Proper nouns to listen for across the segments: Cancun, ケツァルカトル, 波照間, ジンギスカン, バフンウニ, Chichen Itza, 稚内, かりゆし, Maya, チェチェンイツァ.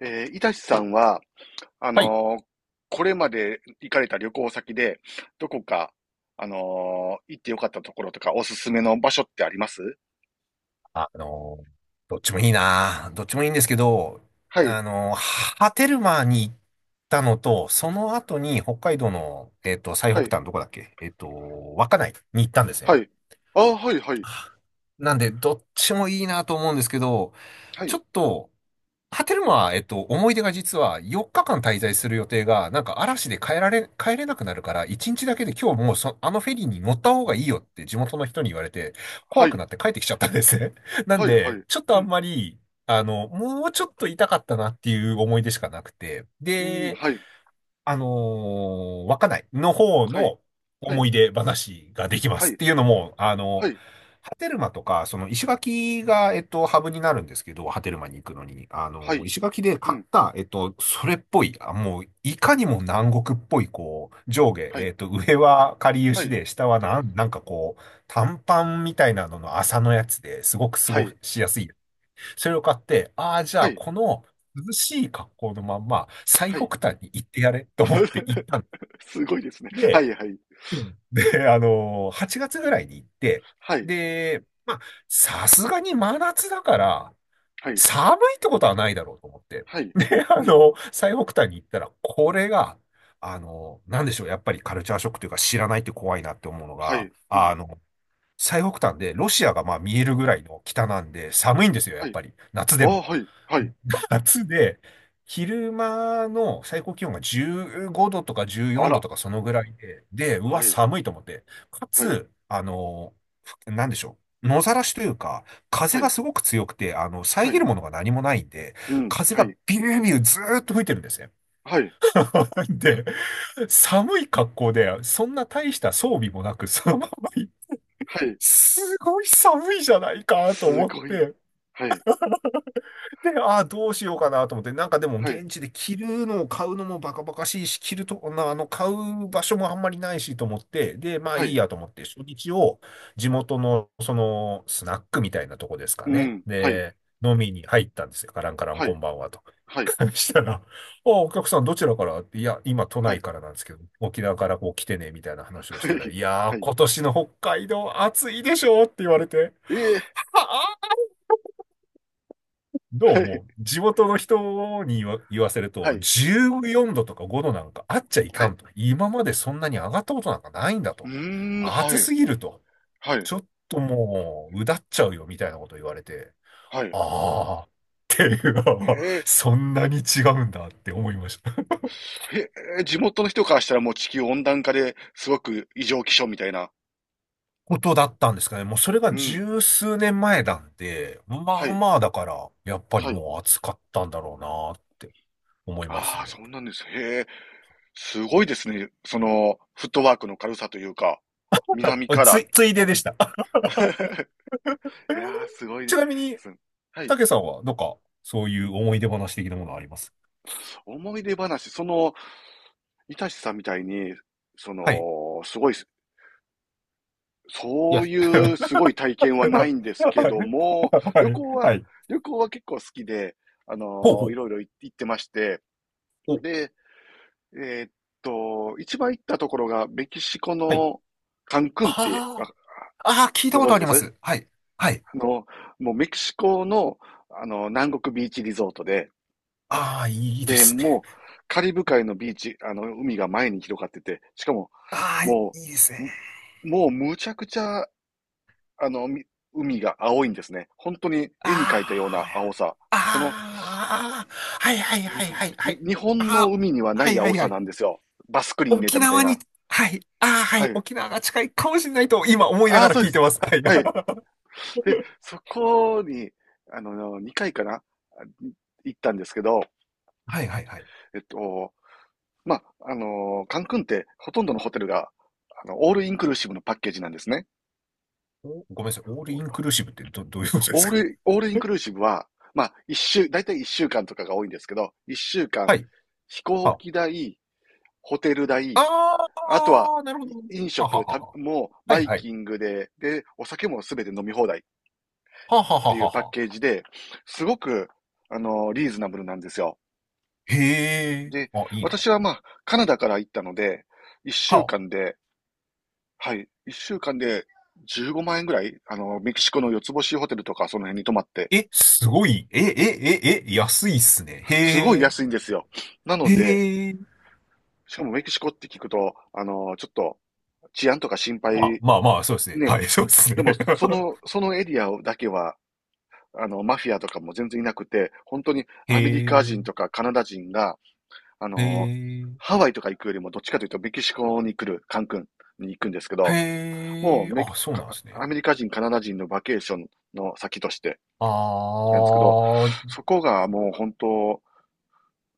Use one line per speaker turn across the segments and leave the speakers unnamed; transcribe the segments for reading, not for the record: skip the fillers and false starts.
いたしさんは、あ
はい。
のーこれまで行かれた旅行先で、どこか、行ってよかったところとか、おすすめの場所ってあります？
あのーどっちもいいな。どっちもいいんですけど、
はい、
あのー波照間に行ったのと、その後に北海道の、最
は
北
い、
端どこだっけ稚内に行ったんです
は
ね。
い。ああ、はい、はい、
なんで、どっちもいいなと思うんですけど、
は
ちょ
い、
っと、ハテルマは、思い出が実は4日間滞在する予定が、なんか嵐で帰れなくなるから、1日だけで今日もうそ、あのフェリーに乗った方がいいよって地元の人に言われて、
は
怖く
い、
なって帰ってきちゃったんですね。なん
はい、は
で、
い。
ちょっと
う
あん
ん、
まり、あの、もうちょっと痛かったなっていう思い出しかなくて。
うん、
で、
はい、
あの稚内の方
はい、
の
はい、
思い出話ができま
は
す。っ
い、
ていうのも、あ
は
の、
い、
波照間とか、その石垣が、ハブになるんですけど、波照間に行くのに、あ
は
の、
い、
石垣で
う
買っ
ん、
た、それっぽい、あもう、いかにも南国っぽい、こう、上下、
はい、
上はかりゆ
は
し
い、
で、下はなんかこう、短パンみたいなのの麻のやつですごく過
は
ご
い、
しやすいそれを買って、ああ、じゃ
は
あ、
い、
この涼しい格好のまんま、最
は
北
い。
端に行ってやれと思って行ったん
すごいですね。は
で、
い、はい、
8月ぐらいに行って、
はい、
で、まあ、さすがに真夏だから、
はい、
寒いってことはないだろうと思って。
はい、
で、あ
うん、
の、最北端に行ったら、これが、あの、なんでしょう、やっぱりカルチャーショックというか知らないって怖いなって思うの
は
が、
い、うん、
あの、最北端でロシアがまあ見えるぐらいの北なんで寒いんですよ、や
は
っ
い。
ぱり。夏
あ
で
あ、
も。
はい、はい。
夏で、昼間の最高気温が15度とか14
あ
度
ら、
とかそのぐらいで、で、うわ、
はい、
寒いと思って。か
はい、
つ、あの、なんでしょう。野ざらしというか、風
は
が
い、
すごく強くて、あの、
は
遮
い、
るものが何もないんで、
うん、
風
は
が
い、
ビュービューずーっと吹いてるんですね。
はい、
で、寒い格好で、そんな大した装備もなく、そのまま、
はい、
すごい寒いじゃないかと
す
思っ
ごい。
て、
はい、
で、ああ、どうしようかなと思って、なんかでも
はい、
現地で着るのを買うのもバカバカしいし、着ると、な買う場所もあんまりないしと思って、で、まあ
は
いい
い、
やと思って、初日を地元のそのスナックみたいなとこですか
う
ね。
ん、はい、
で、飲みに入ったんですよ。カランカラン
は
こ
い、
んばんはと。
はい、
したら、あ、お客さんどちらからっていや、今都
は
内
い、
からなんですけど、沖縄からこう来てね、みたいな話をし
は
たら、
い、
いや
は
ー、
い、
今年の北海道暑いでしょって言われて。
ええ、
ど
は
う
い、
も、地元の人に言わせる
は
と、
い、
14度とか5度なんかあっちゃい
は
か
い、
んと。今までそんなに上がったことなんかないんだ
う
と。
ーん、は
暑
い、
すぎると。
はい、
ちょっともう、うだっちゃうよみたいなこと言われて、
はい。
ああ、っていう、
へえ、
そんなに違うんだって思いました。
へえ、地元の人からしたらもう地球温暖化ですごく異常気象みたいな。
ことだったんですかね。もうそれ
う
が
ん、
十数年前なんで、ま
はい、
まあだから、やっぱり
はい。
もう暑かったんだろうなって思います
ああ、
ね。
そうなんです。へえ、すごいですね。その、フットワークの軽さというか、南から。
ついででした。
いやー、すごいで
ちなみに、
すね。はい。
たけさんは、なんか、そういう思い出話的なものあります
思い出話、その、いたしさんみたいに、そ
はい。
の、すごい、
いや、
そういう すごい体験はないんですけ
はい。
ども、
は
旅
い。
行は、
はい。
旅行は結構好きで、あ
ほう
の
ほ
い
う。
ろいろ行ってまして、
お、
で、えーっ一番行ったところがメキシコ
はい。
のカンクンって
ああ、ああ、聞いた
ご
こ
存
とあ
知で
りま
す？
す。はい。はい。
あの、もうメキシコの、あの、南国ビーチリゾートで、
ああ、いいで
で、
すね。
もう、カリブ海のビーチ、あの、海が前に広がってて、しかも、
ああ、い
も
いです
う、
ね。
むもうむちゃくちゃ、あの、海が青いんですね。本当に絵に描いたよう
あ
な青さ。
あ、
この、
ああ、はいはいはいはいはい。
に日本
あ
の
あ、
海にはな
はい
い
は
青
いは
さなん
い。
ですよ。バスクリーン入れ
沖
たみたい
縄
な。
に、はい。ああ、は
は
い。
い。
沖縄が近いかもしれないと、今思いな
あ
が
あ、
ら
そうで
聞いて
す。
ます。はい。
はい。で、そこに、あの、2回かな行ったんですけど、
はいはいはい。
えっと、まあ、カンクンってほとんどのホテルが、あの、オールインクルーシブのパッケージなんですね。
おごめんなさい。オールインクルーシブってどういうことですか？
オールイン クルーシブは、まあ、だいたい一週間とかが多いんですけど、一週間、
はい。
飛行
は
機代、ホテル代、
あ。
あとは、
あー、なるほど。
飲
はは
食、
はは。
もう、
は
バ
い
イ
はい。
キングで、で、お酒もすべて飲み放題っ
はは
て
は
いう
は
パッ
は。
ケージで、すごく、リーズナブルなんですよ。
へえ。
で、
あ、いいな。は
私はまあ、カナダから行ったので、一週
あ。
間で、はい。一週間で15万円ぐらい、あの、メキシコの四つ星ホテルとかその辺に泊まって、
え、すごい。え、え、え、え、安いっすね。
すごい
へ
安いんですよ。なの
え。へ
で、
え。
しかもメキシコって聞くと、あの、ちょっと治安とか心
まあ、
配、
まあまあ、そうですね。
ね、
はい、そうです
で
ね。
もその、そのエリアだけは、あの、マフィアとかも全然いなくて、本当に
へ
アメリカ人と
え。
かカナダ人が、あ
へ
の、
え。
ハワイとか行くよりもどっちかというとメキシコに来る、カンクンに行くんですけど、も
へ
う
え。
メ、
あ、そうなん
か
です
ア
ね。
メリカ人、カナダ人のバケーションの先として、
あ
なんですけど、
ー。
そこがもう本当、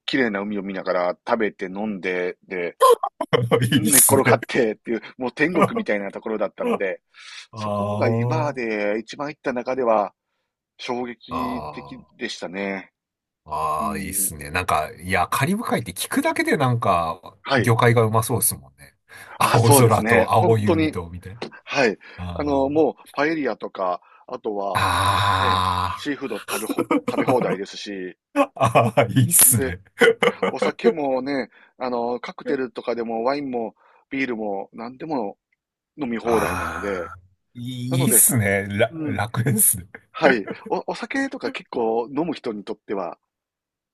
綺麗な海を見ながら食べて飲んで、で、
いいっ
寝っ
す
転が
ね。
ってっていう、もう天国みたいな ところだったので、そこ
あ
が今ま
ー。
で一番行った中では衝撃的
あー。
でしたね。う
ああ、いいっ
ん。
すね。なんか、いや、カリブ海って聞くだけでなんか、
はい。
魚介がうまそうですもんね。
あ、
青
そうです
空
ね。
と
本
青い
当
海
に。
と、みたいな。
はい。
あ
あの、
ー
もうパエリアとか、あとはね、
あ
シーフード食べ放題
ー。
ですし、
ああいいっす
で、
ね。
お酒 もね、あの、カクテルとかでもワインもビールも何でも飲み放題なので、
ああ、い
なの
いっ
で、
すね。ら、
うん、
楽ですね。
はい。お酒とか結構飲む人にとっては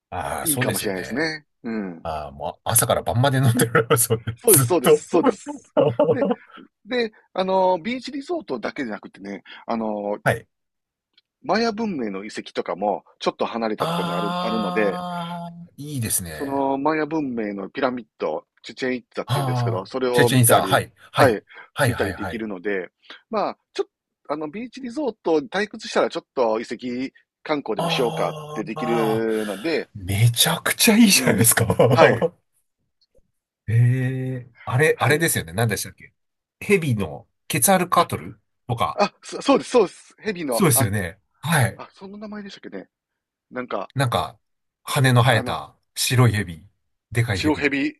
ああ、
いい
そう
か
で
もし
すよ
れないです
ね。
ね。うん。
ああ、もう朝から晩まで飲んでる。そうね、
そうで
ず
す、
っ
そうで
と。
す、そうです。で、で、あの、ビーチリゾートだけじゃなくてね、あの、
はい。
マヤ文明の遺跡とかもちょっと離れたところにある、あるので、
ああ、いいです
そ
ね。
のマヤ文明のピラミッド、チュチェンイッツァっていうんですけ
あ
ど、
あ、
それ
チェ
を
チェ
見
ン
た
さん、
り、
はい、は
は
い、
い、
はい、
見た
は
り
い、
で
は
きる
い。
ので、まあ、ちょっと、あの、ビーチリゾートに退屈したらちょっと遺跡観光でもしようかっ
あ
て
ー
でき
まあ
るので、
ー、めちゃくちゃいい
う
じゃないで
ん。
すか。
はい、
ええ、あれ、あ
は
れ
い。
ですよね。何でしたっけ？ヘビのケツァルカ
あ、
トルとか。
あ、そうです、そうです。ヘビの、
そうです
あ、
よね。はい。
あ、その名前でしたっけね。なんか、
なんか、羽の生
あ
え
の、
た白いヘビ。でかいヘ
白
ビ。
ヘビ、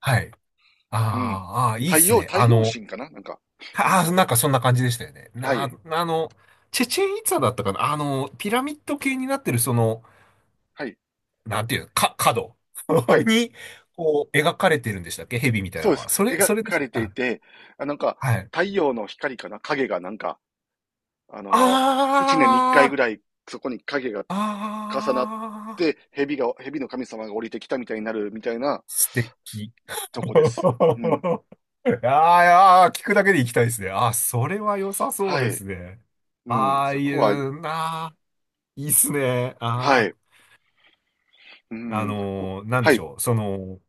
はい。あ
うん。
ーあー、いいっ
太
す
陽、
ね。
太
あ
陽
の、
神かななんか、うん。
ああ、なんかそんな感じでしたよね。
は
な、
い、
あの、チェチェンイツァだったかなあの、ピラミッド系になってるその、
はい、
なんていうの、か、角
は い。
に、こう、描かれてるんでしたっけ蛇みたい
そ
な
う
の
です。
は。
描
それで
か
した。
れてい
あ、
て、あ、なんか、
はい。
太陽の光かな影がなんか、あのー一年に一
あ
回ぐ
ー、
らい、そこに影が重なっ
あー、
て、蛇が、蛇の神様が降りてきたみたいになるみたいな
素敵。
とこで
あ
す。うん。
ーあー、聞くだけで行きたいですね。あー、それは良さそう
は
で
い。
すね。
うん。
ああ、
そ
いい
こは、
な、あーいいっすね。
は
あ
い。う
あ、
ん。
なんで
は
し
い。
ょう。その、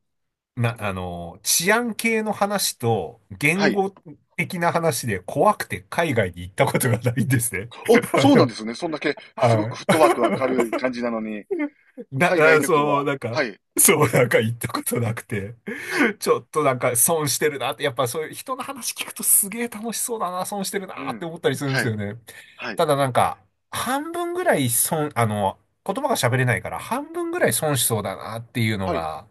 な、あの、治安系の話と
は
言
い。
語的な話で怖くて海外に行ったことがないんですね。
お、
あ
そうなんで
の、
すね。そんだけ、すご
は
くフットワーク明
い。
るい感じなのに、
な、
海外
あ
旅行
そう、
は、
なん
は
か、
い。
そう、なんか行ったことなくて、
はい。
ちょっとなんか損してるなって、やっぱそういう人の話聞くとすげえ楽しそうだな、損してる
う
なって
ん。
思ったりするんで
は
す
い。
よね。
はい。
ただなんか、半分ぐらい損、あの、言葉が喋れないから半分ぐらい損しそうだなっていうの
はい。
が、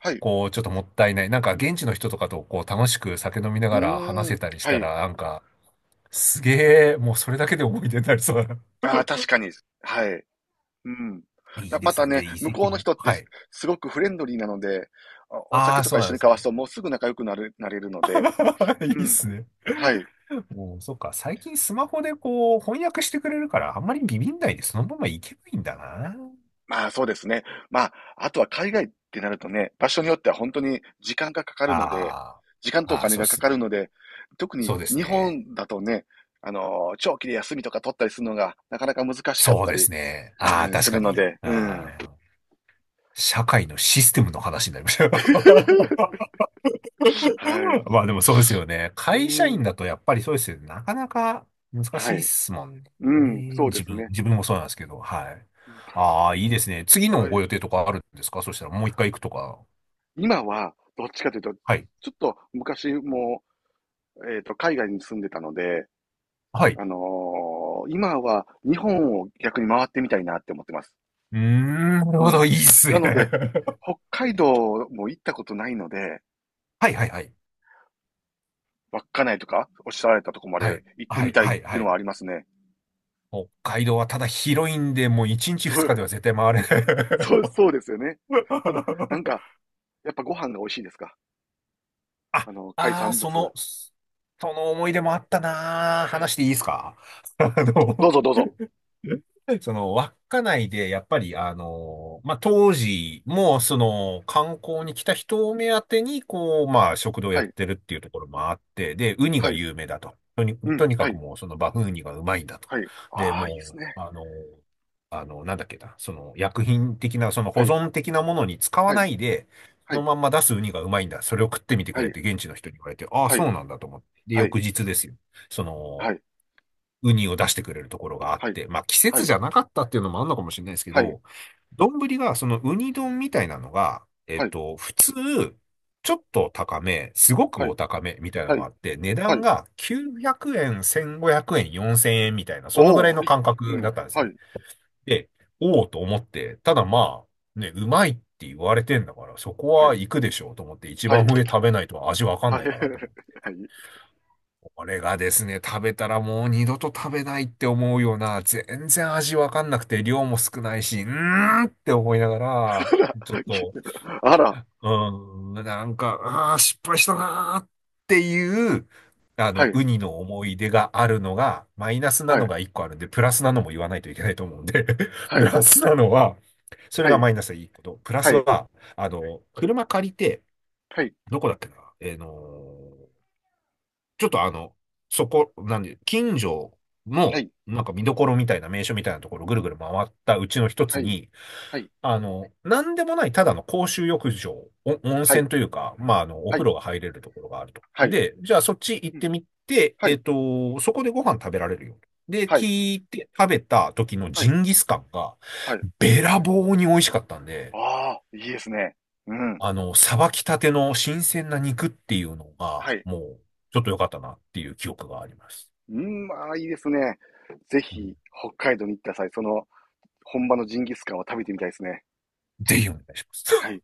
はい。
こう、ちょっともったいない。なんか、現地の人とかと、こう、楽しく酒飲みな
う
がら話
ー
せ
ん。
たりし
は
た
い。
ら、なんか、すげえ、もうそれだけで思い出になりそうだな。
ああ、確かに。はい。うん。
い
だ
いで
ま
す
た
ね。で、
ね、
遺
向こ
跡
うの
も。
人って
はい。
すごくフレンドリーなので、お
あ
酒
あ、
と
そ
か
う
一
なん
緒
で
に
す
交わす
ね。
ともうすぐ仲良くなれるので、
い
う
いっ
ん。
すね。
はい。
もう、そっか。最近スマホでこう、翻訳してくれるから、あんまりビビんないで、そのままいけばいいんだな。
まあそうですね。まあ、あとは海外ってなるとね、場所によっては本当に時間がかかるので、
あ
時間
あ、
とお
ああ、
金
そう
が
で
か
す
かるの
ね。
で、特に
そうです
日
ね。
本だとね、長期で休みとか取ったりするのがなかなか難しかっ
そう
た
で
り、
すね。ああ、
うんす
確か
るの
に。
で、う
あ
ん。
あ、社会のシステムの話になりました。
はい。
まあでもそうですよね。
う
会社員
ん。
だとやっぱりそうですよね。なかなか難
は
しいっ
い。
すもん
うん、
ね。
そうですね。
自分もそうなんですけど、はい。ああ、いいですね。次の
はい。
ご予定とかあるんですかそしたらもう一回行くとか。
今は、どっちかというと、
はい。
ちょっと昔も、海外に住んでたので、
はい。
あのー今は日本を逆に回ってみたいなって思ってます。
うーん、なる
う
ほ
ん。
ど。いいっす
な
ね。
ので、北海道も行ったことないので、
はいはいはい。
稚内とかおっしゃられたとこまで
はい。
行って
は
み
い、
たいっ
はい、
てい
は
うのはあ
い。
りますね。
北海道はただ広いんで、もう1日
そ
2日で
う、
は絶対回れな
そう、
い。
そうですよね。ただ、なんか、やっぱご飯が美味しいですか？
あ、
あの、海
ああ、
産
そ
物。
の、その思い出もあったなー。
はい。
話していいですか？ あ
どう
の、
ぞどうぞ。
その、稚内で、やっぱり、あの、まあ、当時も、その、観光に来た人を目当てに、こう、まあ、食堂
は
やっ
い。
てるっていうところもあって、で、ウニ
は
が
い。
有名だと。
う
と
ん。
にか
は
く
い。
もう、その、バフンウニがうまいんだと。
はい。
で、
ああ、いいです
も
ね。
う、あの、あの、なんだっけな、その、薬品的な、その、
は
保
い、
存的なものに使わ
はい、
ないで、そ
は
の
い、
まんま出すウニがうまいんだ。それを食ってみてく
は
れっ
い、
て、現地の人に言われて、ああ、
は
そ
い、
うなんだと思って。で、
はい、
翌日ですよ。その、
はい、
ウニを出してくれるところがあっ
はい、
て、まあ季節じゃなかったっていうのもあるのかもしれないですけ
はい、はい、
ど、丼がそのウニ丼みたいなのが、
はい、
普通、ちょっと高め、すごく
はい、
お高めみたいなの
は
が
い、
あって、値
は
段
い、
が900円、1500円、4000円みたいな、そのぐらい
おー、
の
い、
感
う
覚だ
ん、
ったんです
は
ね。
い、
で、おおと思って、ただまあ、ね、うまいって言われてんだから、そこ
は
は
い、
行くでしょうと思って、一
はい、
番上食べないと味わかん
は
な
い、
い
はい、
かなと思って これがですね、食べたらもう二度と食べないって思うような、全然味わかんなくて、量も少ないし、うーんって思いながら、
は
ちょっ
い、
と、
あら、
うーん、なんか、ああ、失敗したなーっていう、あ
は
の、
い、
ウニの思い出があるのが、マイナスな
は
の
い、
が一個あるんで、プラスなのも言わないといけないと思うんで、
は
プ
い、
ラスなのは、そ
は
れが
い、
マイナスでいいこと。プラ
は
ス
い、
は、あの、車借りて、
はい、
どこだっけな、えーのちょっとあの、そこ、なんで、近所の、
は
なんか見どころみたいな名所みたいなところをぐるぐる回ったうちの一つ
い、
に、
はい、
あの、なんでもないただの公衆浴場、お温
はい、はい、
泉というか、まあ、あの、お
は
風
い、
呂が入れるところがあると。
はい、
で、じゃあそっち行っ
うん、
てみて、
はい、
そこでご飯食べられるよ。で、
はい、
聞いて食べた時の
は
ジ
い、
ンギスカンが、
はい、
べらぼうに美味しかったんで、
あー、いいですね。うん、
あの、さばきたての新鮮な肉っていうの
は
が、
い、
もう、ちょっと良かったなっていう記憶があります。
うん、ああいいですね。ぜ
うん
ひ、北海道に行った際、その、本場のジンギスカンを食べてみたいですね。
ぜひお願いしま
は
す。
い。